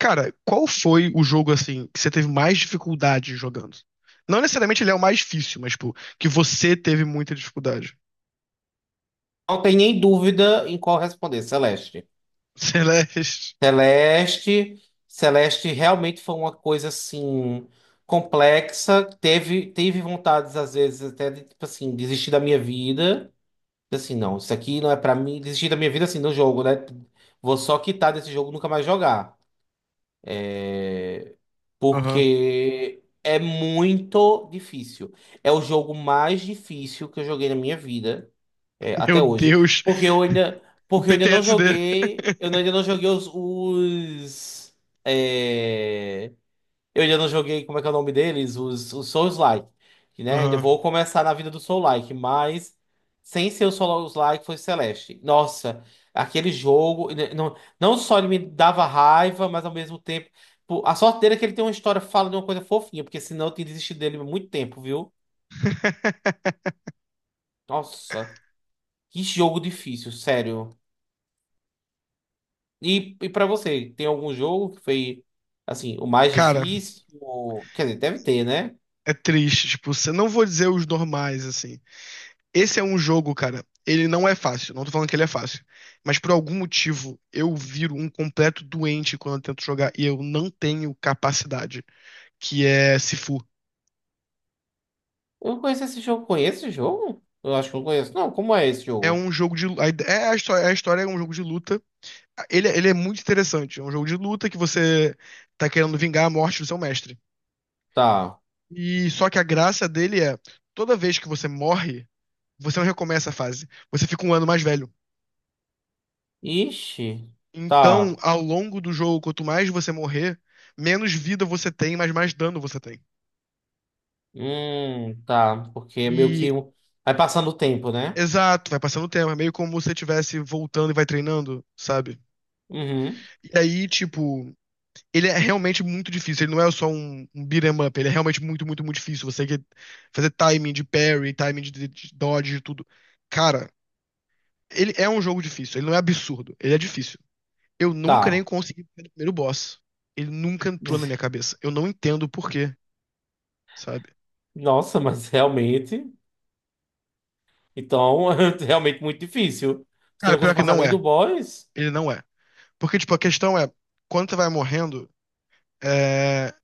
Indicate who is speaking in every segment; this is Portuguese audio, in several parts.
Speaker 1: Cara, qual foi o jogo assim que você teve mais dificuldade jogando? Não necessariamente ele é o mais difícil, mas tipo, que você teve muita dificuldade.
Speaker 2: Não tem nem dúvida em qual responder, Celeste.
Speaker 1: Celeste.
Speaker 2: Celeste, Celeste realmente foi uma coisa assim complexa. Teve, teve vontades às vezes até de tipo assim desistir da minha vida. Tipo assim, não, isso aqui não é pra mim. Desistir da minha vida assim no jogo, né? Vou só quitar desse jogo, e nunca mais jogar,
Speaker 1: Aham.
Speaker 2: porque é muito difícil. É o jogo mais difícil que eu joguei na minha vida. É,
Speaker 1: Meu
Speaker 2: até hoje.
Speaker 1: Deus, o
Speaker 2: Porque eu ainda não
Speaker 1: PTSD.
Speaker 2: joguei. É, eu ainda não joguei, como é que é o nome deles? Os Souls-like. Né? Ainda
Speaker 1: Aham.
Speaker 2: vou começar na vida do Soul-like, mas sem ser o Souls-like foi Celeste. Nossa, aquele jogo. Não, não só ele me dava raiva, mas ao mesmo tempo, pô, a sorte dele é que ele tem uma história, fala de uma coisa fofinha, porque senão eu teria desistido dele há muito tempo, viu? Nossa, que jogo difícil, sério. E para você, tem algum jogo que foi, assim, o mais
Speaker 1: Cara,
Speaker 2: difícil? Quer dizer, deve ter, né?
Speaker 1: é triste, tipo, você não vou dizer os normais assim. Esse é um jogo, cara, ele não é fácil, não tô falando que ele é fácil, mas por algum motivo eu viro um completo doente quando eu tento jogar e eu não tenho capacidade, que é Sifu.
Speaker 2: Eu conheço esse jogo. Conheço esse jogo? Eu acho que eu conheço. Não, como é esse
Speaker 1: É
Speaker 2: jogo?
Speaker 1: um jogo É a história é um jogo de luta. Ele é muito interessante. É um jogo de luta que você tá querendo vingar a morte do seu mestre.
Speaker 2: Tá.
Speaker 1: E só que a graça dele é, toda vez que você morre, você não recomeça a fase. Você fica um ano mais velho.
Speaker 2: Ixi.
Speaker 1: Então,
Speaker 2: Tá.
Speaker 1: ao longo do jogo, quanto mais você morrer, menos vida você tem, mas mais dano você tem.
Speaker 2: Tá. Porque é meio
Speaker 1: E
Speaker 2: que vai passando o tempo, né?
Speaker 1: exato, vai passando o tempo, é meio como se você estivesse voltando e vai treinando, sabe?
Speaker 2: Uhum.
Speaker 1: E aí, tipo, ele é realmente muito difícil. Ele não é só um beat 'em up. Ele é realmente muito, muito, muito difícil. Você tem que fazer timing de parry, timing de dodge, de tudo. Cara, ele é um jogo difícil. Ele não é absurdo. Ele é difícil. Eu nunca
Speaker 2: Tá.
Speaker 1: nem consegui pegar o primeiro boss. Ele nunca entrou na minha cabeça. Eu não entendo o porquê, sabe?
Speaker 2: Nossa, mas realmente. Então, é realmente muito difícil. Você
Speaker 1: Cara,
Speaker 2: não
Speaker 1: pior
Speaker 2: consegue
Speaker 1: que
Speaker 2: passar
Speaker 1: não
Speaker 2: nem do
Speaker 1: é.
Speaker 2: boss?
Speaker 1: Ele não é. Porque, tipo, a questão é, quando você vai morrendo, é,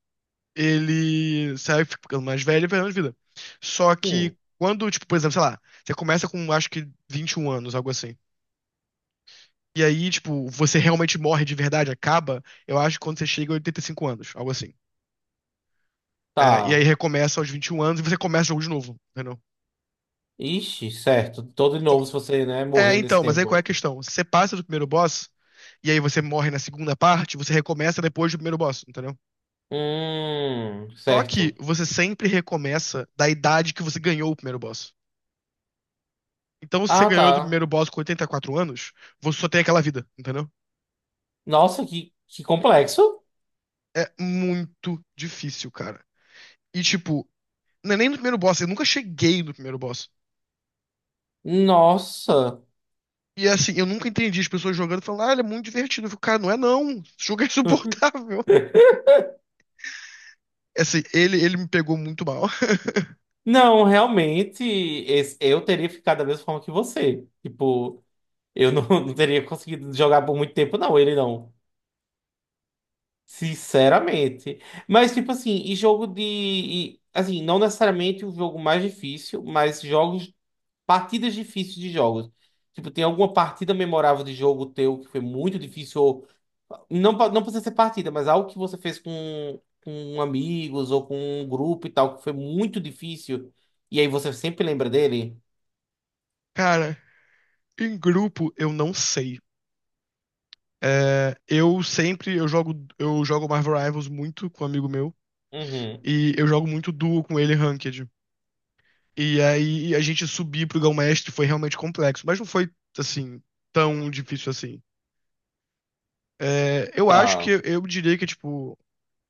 Speaker 1: ele sai ficando mais velho e vai dando vida. Só que
Speaker 2: Sim.
Speaker 1: quando, tipo, por exemplo, sei lá, você começa com acho que 21 anos, algo assim. E aí, tipo, você realmente morre de verdade, acaba, eu acho que quando você chega a 85 anos, algo assim. É, e aí
Speaker 2: Tá.
Speaker 1: recomeça aos 21 anos e você começa o jogo de novo, entendeu?
Speaker 2: Ixi, certo. Todo de
Speaker 1: Só-
Speaker 2: novo se você, né,
Speaker 1: É,
Speaker 2: morrer nesse
Speaker 1: então, mas aí qual é a
Speaker 2: tempo.
Speaker 1: questão? Você passa do primeiro boss, e aí você morre na segunda parte, você recomeça depois do primeiro boss, entendeu? Só que
Speaker 2: Certo.
Speaker 1: você sempre recomeça da idade que você ganhou o primeiro boss. Então, se você
Speaker 2: Ah,
Speaker 1: ganhou do
Speaker 2: tá.
Speaker 1: primeiro boss com 84 anos, você só tem aquela vida, entendeu?
Speaker 2: Nossa, que complexo.
Speaker 1: É muito difícil, cara. E, tipo, não é nem no primeiro boss, eu nunca cheguei no primeiro boss.
Speaker 2: Nossa.
Speaker 1: E, assim, eu nunca entendi as pessoas jogando e falando, ah, ele é muito divertido. Eu fico, cara, não é não. Esse jogo é insuportável. É assim, ele me pegou muito mal.
Speaker 2: Não, realmente, eu teria ficado da mesma forma que você. Tipo, eu não, não teria conseguido jogar por muito tempo, não, ele não. Sinceramente. Mas, tipo assim, assim, não necessariamente o jogo mais difícil, mas jogos Partidas difíceis de jogos. Tipo, tem alguma partida memorável de jogo teu que foi muito difícil? Ou. Não, não precisa ser partida, mas algo que você fez com amigos ou com um grupo e tal, que foi muito difícil. E aí você sempre lembra dele?
Speaker 1: Cara, em grupo, eu não sei. É, eu jogo Marvel Rivals muito com um amigo meu.
Speaker 2: Uhum.
Speaker 1: E eu jogo muito duo com ele ranked. E aí a gente subir pro Grão-Mestre foi realmente complexo, mas não foi, assim, tão difícil assim. É, eu acho que
Speaker 2: Tá.
Speaker 1: eu diria que, tipo,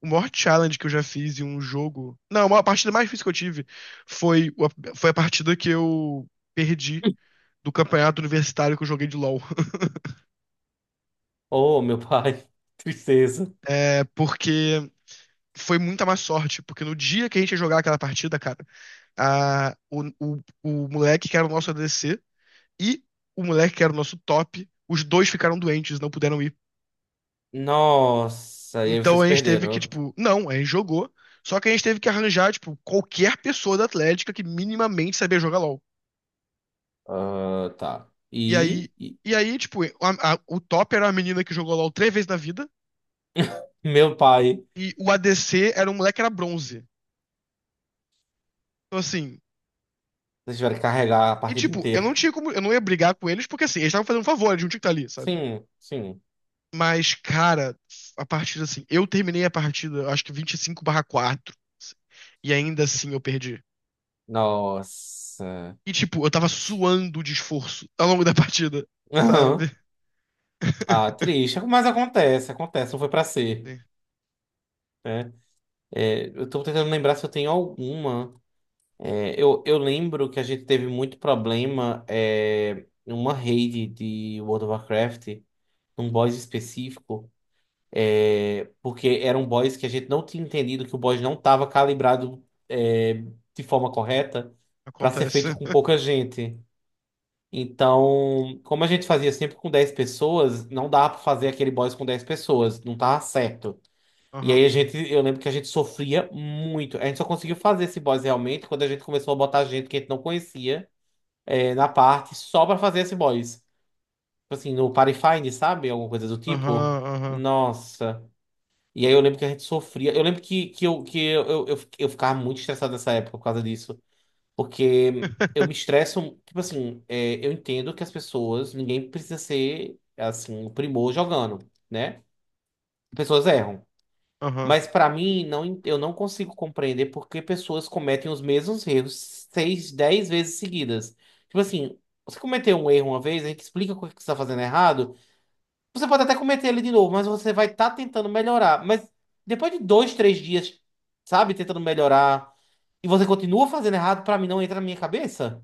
Speaker 1: o maior challenge que eu já fiz em um jogo. Não, a maior partida mais difícil que eu tive foi, foi a partida que eu perdi do campeonato universitário que eu joguei de LoL.
Speaker 2: Oh, meu pai. Tristeza.
Speaker 1: É, porque. Foi muita má sorte, porque no dia que a gente ia jogar aquela partida, cara, o moleque que era o nosso ADC e o moleque que era o nosso top, os dois ficaram doentes, não puderam ir.
Speaker 2: Nossa, e aí
Speaker 1: Então
Speaker 2: vocês
Speaker 1: a gente teve que,
Speaker 2: perderam.
Speaker 1: tipo, não, a gente jogou. Só que a gente teve que arranjar, tipo, qualquer pessoa da Atlética que minimamente sabia jogar LOL.
Speaker 2: Ah, tá.
Speaker 1: E
Speaker 2: E,
Speaker 1: aí,
Speaker 2: e-
Speaker 1: e aí, tipo, o top era uma menina que jogou LOL três vezes na vida,
Speaker 2: meu pai,
Speaker 1: e o ADC era um moleque que era bronze. Então, assim,
Speaker 2: vocês tiveram que carregar a
Speaker 1: e
Speaker 2: partida
Speaker 1: tipo, eu não
Speaker 2: inteira.
Speaker 1: tinha como, eu não ia brigar com eles, porque assim, eles estavam fazendo um favor, eles não tinham que estar ali, sabe?
Speaker 2: Sim, sim.
Speaker 1: Mas, cara, a partida, assim, eu terminei a partida, acho que 25/4, assim, e ainda assim eu perdi.
Speaker 2: Nossa.
Speaker 1: E, tipo, eu tava suando de esforço ao longo da partida, sabe?
Speaker 2: Ah, triste, mas acontece, acontece, não foi pra ser.
Speaker 1: Sim,
Speaker 2: Né? Eu tô tentando lembrar se eu tenho alguma. Eu lembro que a gente teve muito problema, em uma raid de World of Warcraft, num boss específico, porque era um boss que a gente não tinha entendido que o boss não estava calibrado, é, de forma correta para ser feito
Speaker 1: acontece.
Speaker 2: com pouca gente. Então, como a gente fazia sempre com 10 pessoas, não dava para fazer aquele boss com 10 pessoas, não tava certo. E
Speaker 1: Aham,
Speaker 2: aí a gente, eu lembro que a gente sofria muito. A gente só conseguiu fazer esse boss realmente quando a gente começou a botar gente que a gente não conhecia, na parte só pra fazer esse boss. Tipo assim, no Party Find, sabe? Alguma coisa do tipo.
Speaker 1: aham, aham.
Speaker 2: Nossa. E aí eu lembro que a gente sofria. Eu lembro que eu ficava muito estressado nessa época por causa disso. Porque eu me estresso. Tipo assim, eu entendo que as pessoas, ninguém precisa ser assim, o primor jogando, né? Pessoas erram.
Speaker 1: Aham,
Speaker 2: Mas para mim, não, eu não consigo compreender por que pessoas cometem os mesmos erros seis, 10 vezes seguidas. Tipo assim, você cometeu um erro uma vez, a gente explica o que você está fazendo errado. Você pode até cometer ele de novo, mas você vai estar tentando melhorar. Mas depois de dois, três dias, sabe, tentando melhorar, e você continua fazendo errado, para mim não entra na minha cabeça.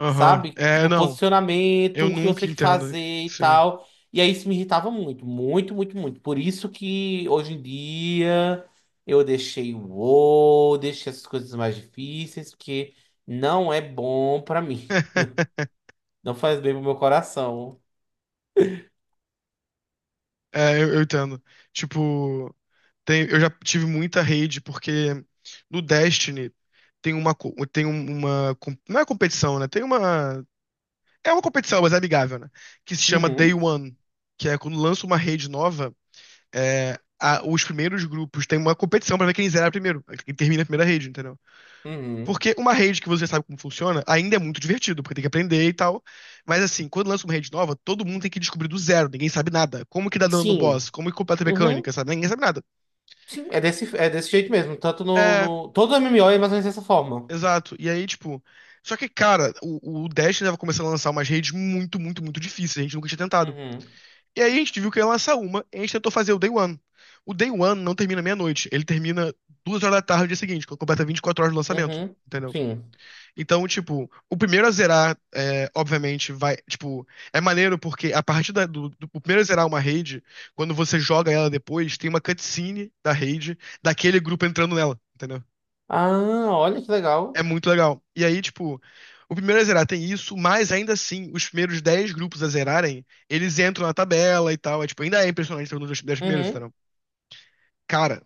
Speaker 1: aham.
Speaker 2: Sabe?
Speaker 1: É,
Speaker 2: Tipo,
Speaker 1: não,
Speaker 2: posicionamento,
Speaker 1: eu
Speaker 2: o que você
Speaker 1: nunca
Speaker 2: tem que
Speaker 1: entendo.
Speaker 2: fazer e
Speaker 1: Sim.
Speaker 2: tal. E aí isso me irritava muito, muito, muito, muito. Por isso que hoje em dia eu deixei o WoW, deixei essas coisas mais difíceis, porque não é bom pra mim. Não faz bem pro meu coração.
Speaker 1: É, eu entendo. Tipo, eu já tive muita rede, porque no Destiny tem uma, co- tem um- uma. Com- não é competição, né? Tem uma. É uma competição, mas é amigável, né? Que se chama Day
Speaker 2: Uhum,
Speaker 1: One. Que é quando lança uma rede nova, os primeiros grupos têm uma competição pra ver quem zera primeiro, quem termina a primeira rede, entendeu?
Speaker 2: uhum.
Speaker 1: Porque uma rede que você sabe como funciona ainda é muito divertido, porque tem que aprender e tal. Mas assim, quando lança uma rede nova, todo mundo tem que descobrir do zero, ninguém sabe nada. Como que dá dano no
Speaker 2: Sim,
Speaker 1: boss? Como que completa a
Speaker 2: uhum.
Speaker 1: mecânica, sabe? Ninguém sabe nada.
Speaker 2: Sim, é desse jeito mesmo. Tanto no,
Speaker 1: É,
Speaker 2: no... Todo MMO é mais ou menos dessa forma.
Speaker 1: exato. E aí, tipo. Só que, cara, o Destiny tava começando a lançar umas redes muito, muito, muito difíceis, a gente nunca tinha tentado.
Speaker 2: Uhum,
Speaker 1: E aí a gente viu que ia lançar uma, e a gente tentou fazer o Day One. O Day One não termina meia-noite, ele termina 2 horas da tarde no dia seguinte, quando completa 24 horas do lançamento,
Speaker 2: uhum.
Speaker 1: entendeu?
Speaker 2: Sim.
Speaker 1: Então, tipo, o primeiro a zerar, é, obviamente, vai. Tipo, é maneiro porque a partir da- do, do- o primeiro a zerar uma raid, quando você joga ela depois, tem uma cutscene da raid, daquele grupo entrando nela, entendeu?
Speaker 2: Ah, olha que legal.
Speaker 1: É muito legal. E aí, tipo, o primeiro a zerar tem isso, mas ainda assim, os primeiros 10 grupos a zerarem, eles entram na tabela e tal. É, tipo, ainda é impressionante ter um dos 10 primeiros,
Speaker 2: Uhum.
Speaker 1: entendeu? Cara,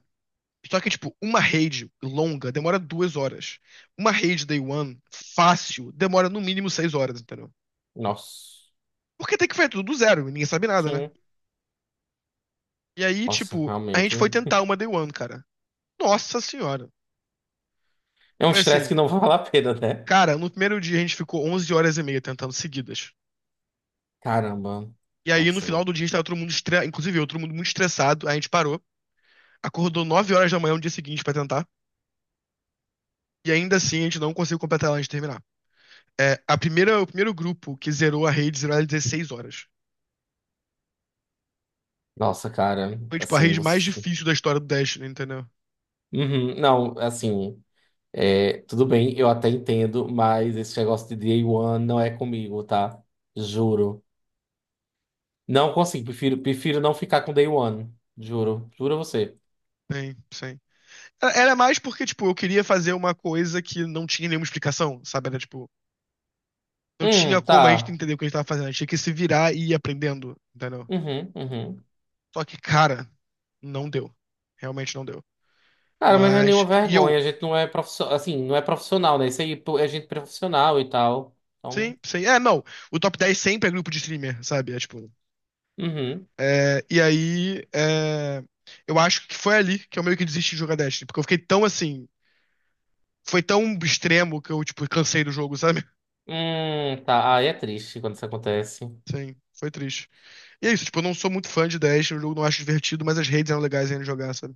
Speaker 1: só que, tipo, uma raid longa demora 2 horas. Uma raid day one, fácil, demora no mínimo 6 horas, entendeu?
Speaker 2: Nossa.
Speaker 1: Porque tem que fazer tudo do zero, ninguém sabe nada, né?
Speaker 2: Sim.
Speaker 1: E aí,
Speaker 2: Nossa,
Speaker 1: tipo, a
Speaker 2: realmente.
Speaker 1: gente foi tentar uma Day One, cara. Nossa senhora.
Speaker 2: É um
Speaker 1: Foi
Speaker 2: estresse
Speaker 1: assim,
Speaker 2: que não vale a pena, né?
Speaker 1: cara, no primeiro dia a gente ficou 11 horas e meia tentando seguidas.
Speaker 2: Caramba.
Speaker 1: E aí, no
Speaker 2: Nossa,
Speaker 1: final
Speaker 2: não.
Speaker 1: do dia, a gente tava todo mundo estressado, inclusive eu, todo mundo muito estressado, aí a gente parou, acordou 9 horas da manhã no dia seguinte pra tentar, e ainda assim a gente não conseguiu completar ela antes de terminar. É, o primeiro grupo que zerou a rede zerou ela em 16 horas.
Speaker 2: Nossa, cara.
Speaker 1: Foi, tipo, a
Speaker 2: Assim,
Speaker 1: rede mais
Speaker 2: você.
Speaker 1: difícil da história do Destiny, entendeu?
Speaker 2: Uhum. Não, assim, tudo bem, eu até entendo, mas esse negócio de Day One não é comigo, tá? Juro. Não consigo. Prefiro, prefiro não ficar com Day One. Juro. Juro a você.
Speaker 1: Sim, sim. Era mais porque, tipo, eu queria fazer uma coisa que não tinha nenhuma explicação, sabe? Era, tipo, não tinha como a gente
Speaker 2: Tá.
Speaker 1: entender o que a gente tava fazendo. A gente tinha que se virar e ir aprendendo, entendeu?
Speaker 2: Uhum, uhum.
Speaker 1: Só que, cara, não deu. Realmente não deu.
Speaker 2: Cara, mas não é nenhuma
Speaker 1: Mas,
Speaker 2: vergonha. A gente não é profissional. Assim, não é profissional, né? Isso aí pô, é gente profissional e tal.
Speaker 1: sim,
Speaker 2: Então.
Speaker 1: sei. É, não. O top 10 sempre é grupo de streamer, sabe? É, tipo,
Speaker 2: Uhum.
Speaker 1: e aí, eu acho que foi ali que eu meio que desisti de jogar Destiny, porque eu fiquei tão assim, foi tão extremo que eu, tipo, cansei do jogo, sabe?
Speaker 2: Tá. Aí é triste quando isso acontece.
Speaker 1: Sim, foi triste. E é isso, tipo, eu não sou muito fã de Dash, o jogo não acho divertido, mas as redes eram legais ainda de jogar, sabe?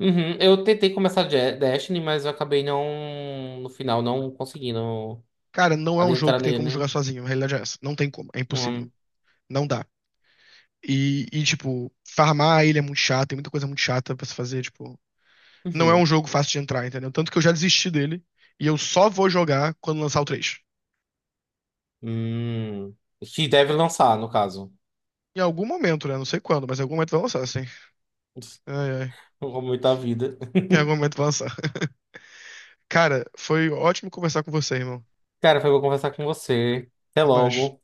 Speaker 2: Uhum. Eu tentei começar Destiny, mas eu acabei não, no final, não conseguindo
Speaker 1: Cara, não é um jogo
Speaker 2: adentrar
Speaker 1: que tem como jogar
Speaker 2: nele.
Speaker 1: sozinho, a realidade é essa. Não tem como, é impossível.
Speaker 2: Hum.
Speaker 1: Não dá. E, tipo, farmar a ilha é muito chato, tem muita coisa muito chata pra se fazer, tipo. Não é um
Speaker 2: Uhum.
Speaker 1: jogo fácil de entrar, entendeu? Tanto que eu já desisti dele, e eu só vou jogar quando lançar o três.
Speaker 2: Hum. Que deve lançar, no caso.
Speaker 1: Em algum momento, né? Não sei quando, mas em algum momento vai lançar, assim. Ai, ai.
Speaker 2: Como muita vida.
Speaker 1: Em algum momento vai lançar. Cara, foi ótimo conversar com você, irmão.
Speaker 2: Cara, foi bom conversar com você. Até
Speaker 1: Até mais.
Speaker 2: logo.